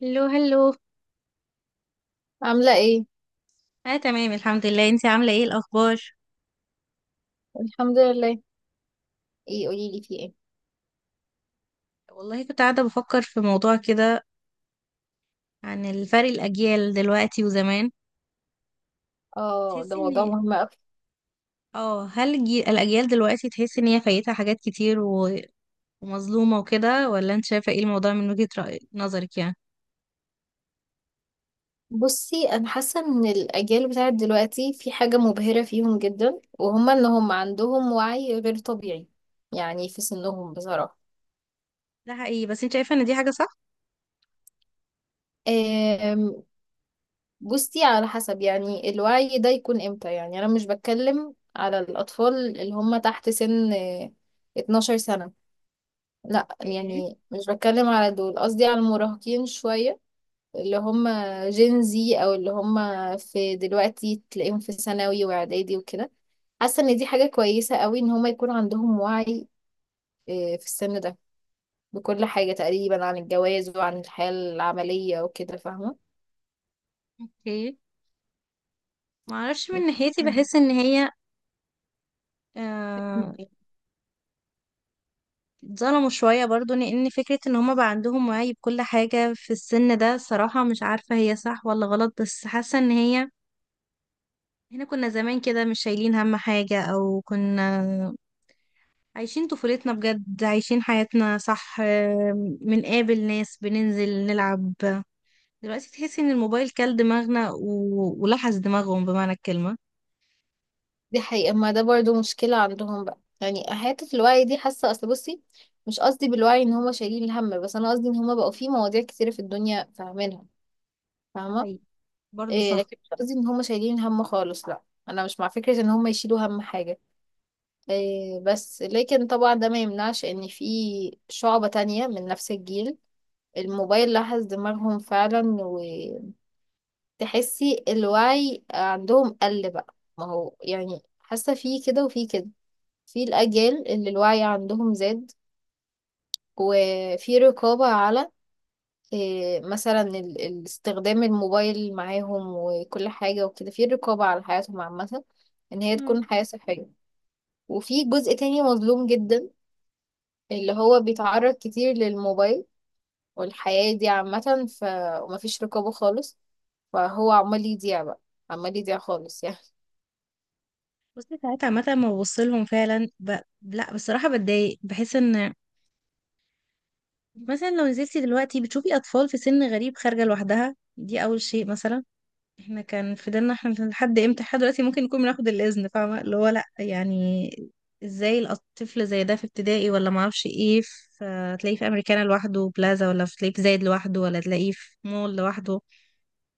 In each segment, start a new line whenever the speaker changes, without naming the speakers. هلو هلو.
عاملة ايه؟
اه، تمام، الحمد لله. انتي عاملة ايه؟ الأخبار؟
الحمد لله. ايه، قوليلي في ايه؟
والله كنت قاعدة بفكر في موضوع كده عن الفرق الأجيال دلوقتي وزمان.
اه، ده
تحسي
موضوع
ان
مهم اوي.
اه هل الأجيال دلوقتي تحسي ان هي فايتها حاجات كتير ومظلومة وكده؟ ولا انت شايفة ايه الموضوع من وجهة رأي نظرك يعني؟
بصي، انا حاسة ان الاجيال بتاعت دلوقتي في حاجة مبهرة فيهم جدا، ان هم عندهم وعي غير طبيعي يعني في سنهم بصراحة.
ده حقيقي. بس انت شايفة ان دي حاجة صح؟
آم، بصي، على حسب، يعني الوعي ده يكون امتى. يعني انا مش بتكلم على الاطفال اللي هم تحت سن 12 سنة. لا،
ايه،
يعني مش بتكلم على دول، قصدي على المراهقين شوية، اللي هم جين زي او اللي هم في دلوقتي تلاقيهم في ثانوي واعدادي وكده. حاسه ان دي حاجه كويسه قوي ان هم يكون عندهم وعي في السن ده، بكل حاجه تقريبا عن الجواز وعن الحياه العمليه وكده، فاهمه.
ايه، معرفش من ناحيتي. بحس ان هي آه، اتظلموا شوية برضو، لأن فكرة ان هما بقى عندهم وعي بكل حاجة في السن ده، صراحة مش عارفة هي صح ولا غلط، بس حاسة ان هي. احنا كنا زمان كده مش شايلين هم حاجة، او كنا عايشين طفولتنا بجد، عايشين حياتنا صح. بنقابل ناس، بننزل نلعب. دلوقتي تحسي ان الموبايل كل دماغنا ولحس دماغهم بمعنى الكلمة.
دي حقيقه، ما ده برضو مشكله عندهم بقى، يعني حته الوعي دي حاسه. اصل بصي، مش قصدي بالوعي ان هم شايلين الهم، بس انا قصدي ان هم بقوا في مواضيع كتيره في الدنيا فاهمينها،
ده
فاهمه.
حقيقي، برضو
إيه،
صح.
لكن مش قصدي ان هم شايلين هم خالص، لا، انا مش مع فكرة ان هم يشيلوا هم حاجة. إيه، بس لكن طبعا ده ما يمنعش ان في شعبة تانية من نفس الجيل الموبايل لحس دماغهم فعلا، وتحسي الوعي عندهم قل بقى. ما هو يعني حاسة في كده وفي كده، في الأجيال اللي الوعي عندهم زاد وفي رقابة على إيه، مثلا استخدام الموبايل معاهم وكل حاجة وكده، في رقابة على حياتهم عامة ان هي
مم.
تكون حياة صحية. وفي جزء تاني مظلوم جدا، اللي هو بيتعرض كتير للموبايل والحياة دي عامة ومفيش رقابة خالص، فهو عمال يضيع بقى، عمال يضيع خالص يعني.
بس ساعات عامة ما ببصلهم، فعلا لا، بصراحة بتضايق، بحس ان مثلا لو نزلتي دلوقتي بتشوفي أطفال في سن غريب خارجة لوحدها. دي أول شيء. مثلا احنا كان في ديننا، احنا لحد امتى؟ لحد دلوقتي ممكن نكون بناخد الإذن، فاهمة؟ اللي هو لأ، يعني ازاي الطفل زي ده في ابتدائي ولا معرفش ايه، في تلاقيه في أمريكانا لوحده بلازا، ولا تلاقيه في زايد لوحده، ولا تلاقيه في مول لوحده؟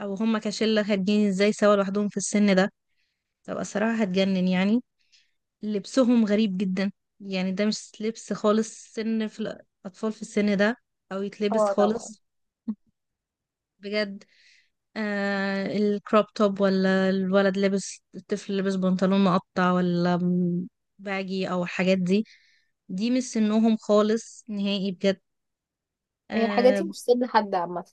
أو هما كشلة خارجين ازاي سوا لوحدهم في السن ده؟ طب الصراحة هتجنن يعني. لبسهم غريب جدا. يعني ده مش لبس خالص سن في الأطفال في السن ده، أو يتلبس
اه، طبعا.
خالص. بجد. الكروب توب، ولا الولد لابس، الطفل لابس بنطلون مقطع، باجي او الحاجات دي. دي مش سنهم خالص، نهائي، بجد.
هي الحاجات
آه
دي مش سد حد عامة.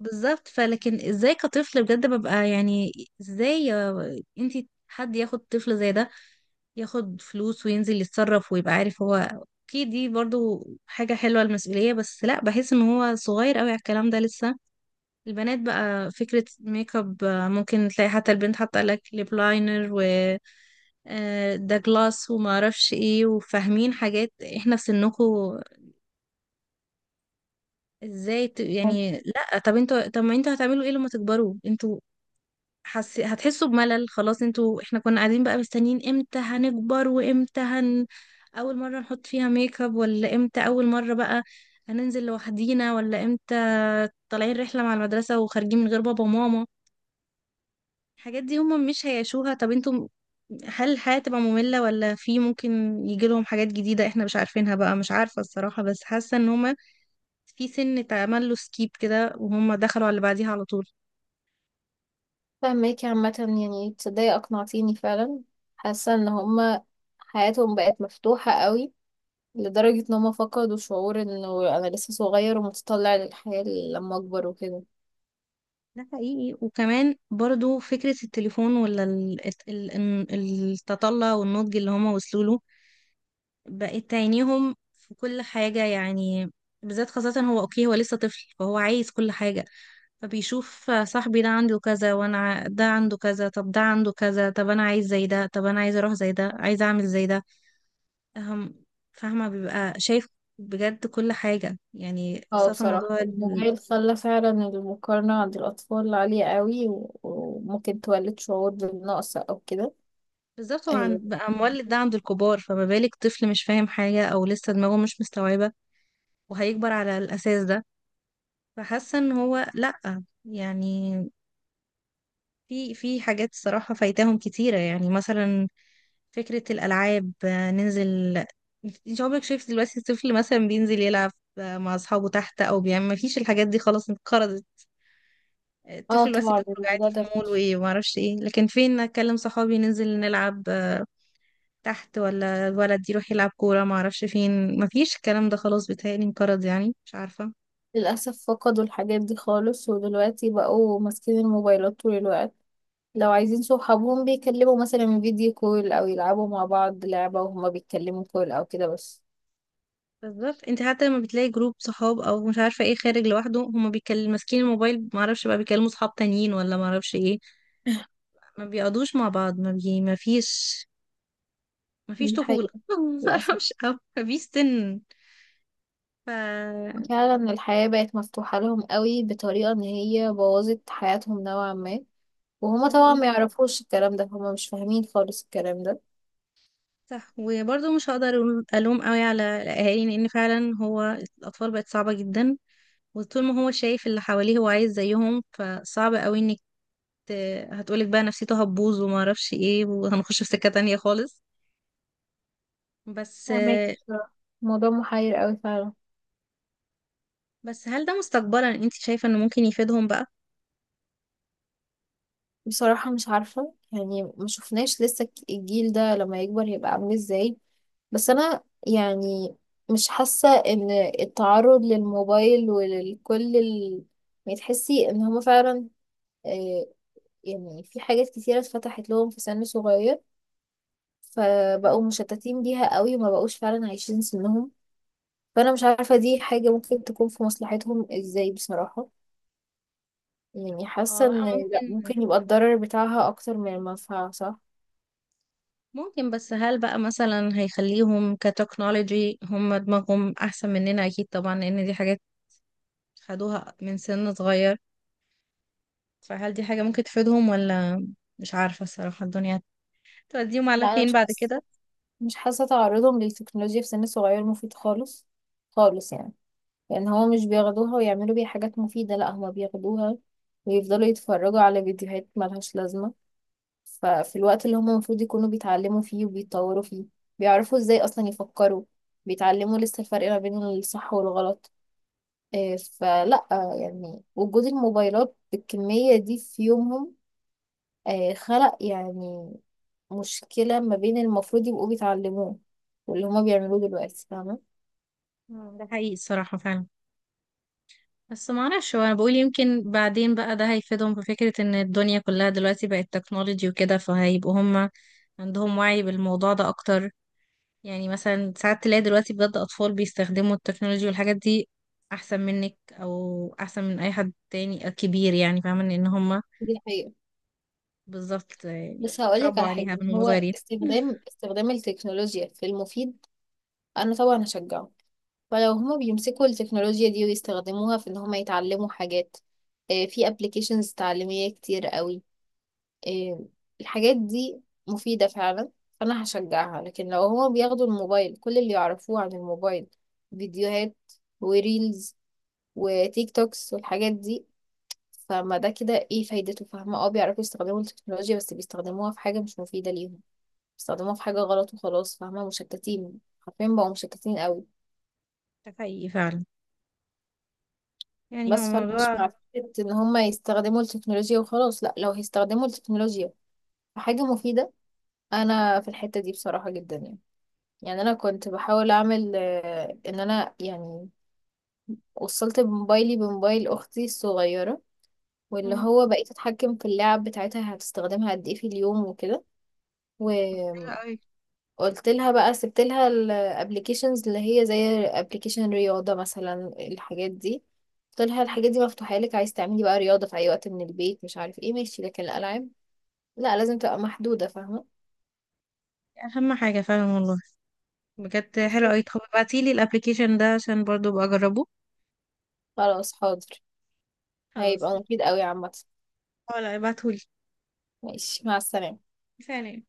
بالظبط. فلكن ازاي كطفل بجد ببقى يعني ازاي انتي حد ياخد طفل زي ده، ياخد فلوس وينزل يتصرف ويبقى عارف؟ هو اوكي، دي برضو حاجة حلوة، المسؤولية، بس لا، بحس ان هو صغير قوي على الكلام ده لسه. البنات بقى فكرة ميك اب، ممكن تلاقي حتى البنت حاطة لك ليب لاينر و ده جلاس وما اعرفش ايه، وفاهمين حاجات احنا في سنكم. ازاي يعني
ماشي.
لا، طب انتوا، طب ما انتوا هتعملوا ايه لما تكبروا انتوا؟ هتحسوا بملل خلاص انتوا. احنا كنا قاعدين بقى مستنيين امتى هنكبر، وامتى اول مرة نحط فيها ميك اب، ولا امتى اول مرة بقى هننزل لوحدينا، ولا امتى طالعين رحلة مع المدرسة وخارجين من غير بابا وماما. الحاجات دي هم مش هيعيشوها. طب انتم هل الحياة تبقى مملة، ولا في ممكن يجي لهم حاجات جديدة احنا مش عارفينها بقى؟ مش عارفة الصراحة، بس حاسة ان هما في سن اتعمل له سكيب كده، وهم دخلوا على اللي بعديها على طول.
فهماكي عامة، يعني تصدقي أقنعتيني فعلا. حاسة ان هما حياتهم بقت مفتوحة قوي، لدرجة ان هما فقدوا شعور انه انا لسه صغير ومتطلع للحياة لما اكبر وكده.
ده حقيقي. وكمان برضو فكرة التليفون، ولا التطلع والنضج اللي هما وصلوا له بقت تعينيهم في كل حاجة يعني. بالذات خاصة، هو اوكي، هو لسه طفل فهو عايز كل حاجة، فبيشوف صاحبي ده عنده كذا، ده عنده كذا، طب ده عنده كذا، طب انا عايز زي ده، طب انا عايز اروح زي ده، عايز اعمل زي ده. أهم فاهمة؟ بيبقى شايف بجد كل حاجة يعني.
اه،
خاصة
بصراحة
موضوع
الموبايل خلى فعلا المقارنة عند الأطفال عالية قوي وممكن تولد شعور بالنقص أو كده.
بالظبط. هو
اه.
بقى مولد ده عند الكبار، فما بالك طفل مش فاهم حاجة أو لسه دماغه مش مستوعبة؟ وهيكبر على الأساس ده. فحاسة إن هو لأ، يعني في حاجات الصراحة فايتاهم كتيرة، يعني مثلا فكرة الألعاب. ننزل، انت عمرك شايف دلوقتي الطفل مثلا بينزل يلعب مع أصحابه تحت، أو بيعمل؟ مفيش الحاجات دي خلاص، انقرضت.
آه،
الطفل دلوقتي
طبعا،
بيخرج عادي
الموضوع
في
ده
مول وإيه ومعرفش إيه، لكن فين أكلم صحابي ننزل نلعب تحت، ولا الولد يروح يلعب كورة معرفش فين؟ مفيش الكلام ده خلاص، بيتهيألي انقرض يعني، مش عارفة.
للأسف فقدوا الحاجات دي خالص، ودلوقتي بقوا ماسكين الموبايلات طول الوقت. لو عايزين صحابهم بيكلموا مثلا فيديو كول، أو يلعبوا مع بعض لعبة وهما بيتكلموا كول أو كده بس.
بالظبط. انت حتى لما بتلاقي جروب صحاب او مش عارفه ايه خارج لوحده، هما بيتكلم ماسكين الموبايل، ما اعرفش بقى بيكلموا صحاب تانيين ولا ما اعرفش ايه. ما بيقعدوش مع بعض، ما فيش
دي
طفوله
حقيقة،
ما
للأسف.
اعرفش، او ما فيش سن. ف
فعلا الحياة بقت مفتوحة لهم قوي بطريقة ان هي بوظت حياتهم نوعا ما، وهما
ده
طبعا ما
حقيقي.
يعرفوش الكلام ده، هما مش فاهمين خالص الكلام ده.
صح. وبرضه مش هقدر الوم قوي على الاهالي، لان فعلا هو الاطفال بقت صعبه جدا، وطول ما هو شايف اللي حواليه هو عايز زيهم، فصعب قوي انك هتقولك بقى نفسيته هتبوظ وما اعرفش ايه، وهنخش في سكه تانية خالص، بس
فاهمك بصراحة، الموضوع محير قوي فعلا.
بس هل ده مستقبلا انت شايفة انه ممكن يفيدهم بقى؟
بصراحة مش عارفة، يعني ما شفناش لسه الجيل ده لما يكبر هيبقى عامل ازاي. بس انا يعني مش حاسة ان التعرض للموبايل ولكل يعني تحسي ان هما فعلا، آه، يعني في حاجات كتيرة اتفتحت لهم في سن صغير، فبقوا
مم.
مشتتين بيها قوي وما بقوش فعلا عايشين سنهم. فانا مش عارفة دي حاجة ممكن تكون في مصلحتهم ازاي بصراحة. يعني
هو
حاسة ان
بقى
لا،
ممكن،
ممكن يبقى الضرر بتاعها اكتر من المنفعة، صح.
ممكن. بس هل بقى مثلا هيخليهم كتكنولوجي هم دماغهم احسن مننا؟ اكيد طبعا، لان دي حاجات خدوها من سن صغير. فهل دي حاجة ممكن تفيدهم ولا؟ مش عارفة الصراحة، الدنيا توديهم
لا،
على
انا
فين
مش
بعد كده؟
حاسة، تعرضهم للتكنولوجيا في سن صغير مفيد خالص، خالص يعني. لان هو مش بياخدوها ويعملوا بيها حاجات مفيدة، لا، هما بياخدوها ويفضلوا يتفرجوا على فيديوهات ملهاش لازمة. ففي الوقت اللي هم المفروض يكونوا بيتعلموا فيه وبيتطوروا فيه، بيعرفوا ازاي اصلا يفكروا، بيتعلموا لسه الفرق ما بين الصح والغلط. فلا، يعني وجود الموبايلات بالكمية دي في يومهم خلق يعني مشكلة ما بين المفروض يبقوا بيتعلموه واللي هما بيعملوه دلوقتي، فاهمة.
ده حقيقي الصراحة فعلا. بس ما اعرفش، هو انا بقول يمكن بعدين بقى ده هيفيدهم في فكرة ان الدنيا كلها دلوقتي بقت تكنولوجي وكده، فهيبقوا هم عندهم وعي بالموضوع ده اكتر. يعني مثلا ساعات تلاقي دلوقتي بجد أطفال بيستخدموا التكنولوجيا والحاجات دي أحسن منك، أو أحسن من أي حد تاني كبير يعني، فاهمة؟ لأن هما.
دي الحقيقة.
بالظبط، يعني
بس هقولك
اتربوا
على
عليها
حاجة،
من هما
هو
صغيرين.
استخدام التكنولوجيا في المفيد، أنا طبعا هشجعه. فلو هما بيمسكوا التكنولوجيا دي ويستخدموها في ان هما يتعلموا حاجات، في ابلكيشنز تعليمية كتير قوي. آه، الحاجات دي مفيدة فعلا، فانا هشجعها. لكن لو هما بياخدوا الموبايل، كل اللي يعرفوه عن الموبايل فيديوهات وريلز وتيك توكس والحاجات دي، فما ده كده ايه فايدته؟ فاهمة؟ اه، بيعرفوا يستخدموا التكنولوجيا بس بيستخدموها في حاجة مش مفيدة ليهم، بيستخدموها في حاجة غلط وخلاص، فاهمة؟ مشتتين، حرفيا بقوا مشتتين قوي.
ده حقيقي فعلا. يعني هو
بس فانا مش
موضوع.
مع فكرة ان هم يستخدموا التكنولوجيا وخلاص، لا، لو هيستخدموا التكنولوجيا في حاجة مفيدة انا في الحتة دي بصراحة جدا يعني. يعني انا كنت بحاول اعمل ان انا يعني وصلت بموبايلي بموبايل اختي الصغيرة، واللي
مم.
هو بقيت اتحكم في اللعب بتاعتها هتستخدمها قد ايه في اليوم وكده. و...
طب حلو قوي.
قلت لها بقى، سبت لها الابلكيشنز اللي هي زي ابلكيشن رياضة مثلا. الحاجات دي قلت لها
مم.
الحاجات دي مفتوحة لك، عايز تعملي بقى رياضة في اي وقت من البيت مش عارف ايه، ماشي، لكن الالعاب لا لازم تبقى محدودة، فاهمة.
أهم حاجة فعلا، والله. بجد حلو
بالظبط.
قوي. طب ابعتيلي الابلكيشن ده عشان برضو أبقى أجربه.
خلاص، حاضر.
خلاص.
هيبقى مفيد قوي عامة.
ولا ابعتهولي؟
ماشي، مع السلامة.
سلام.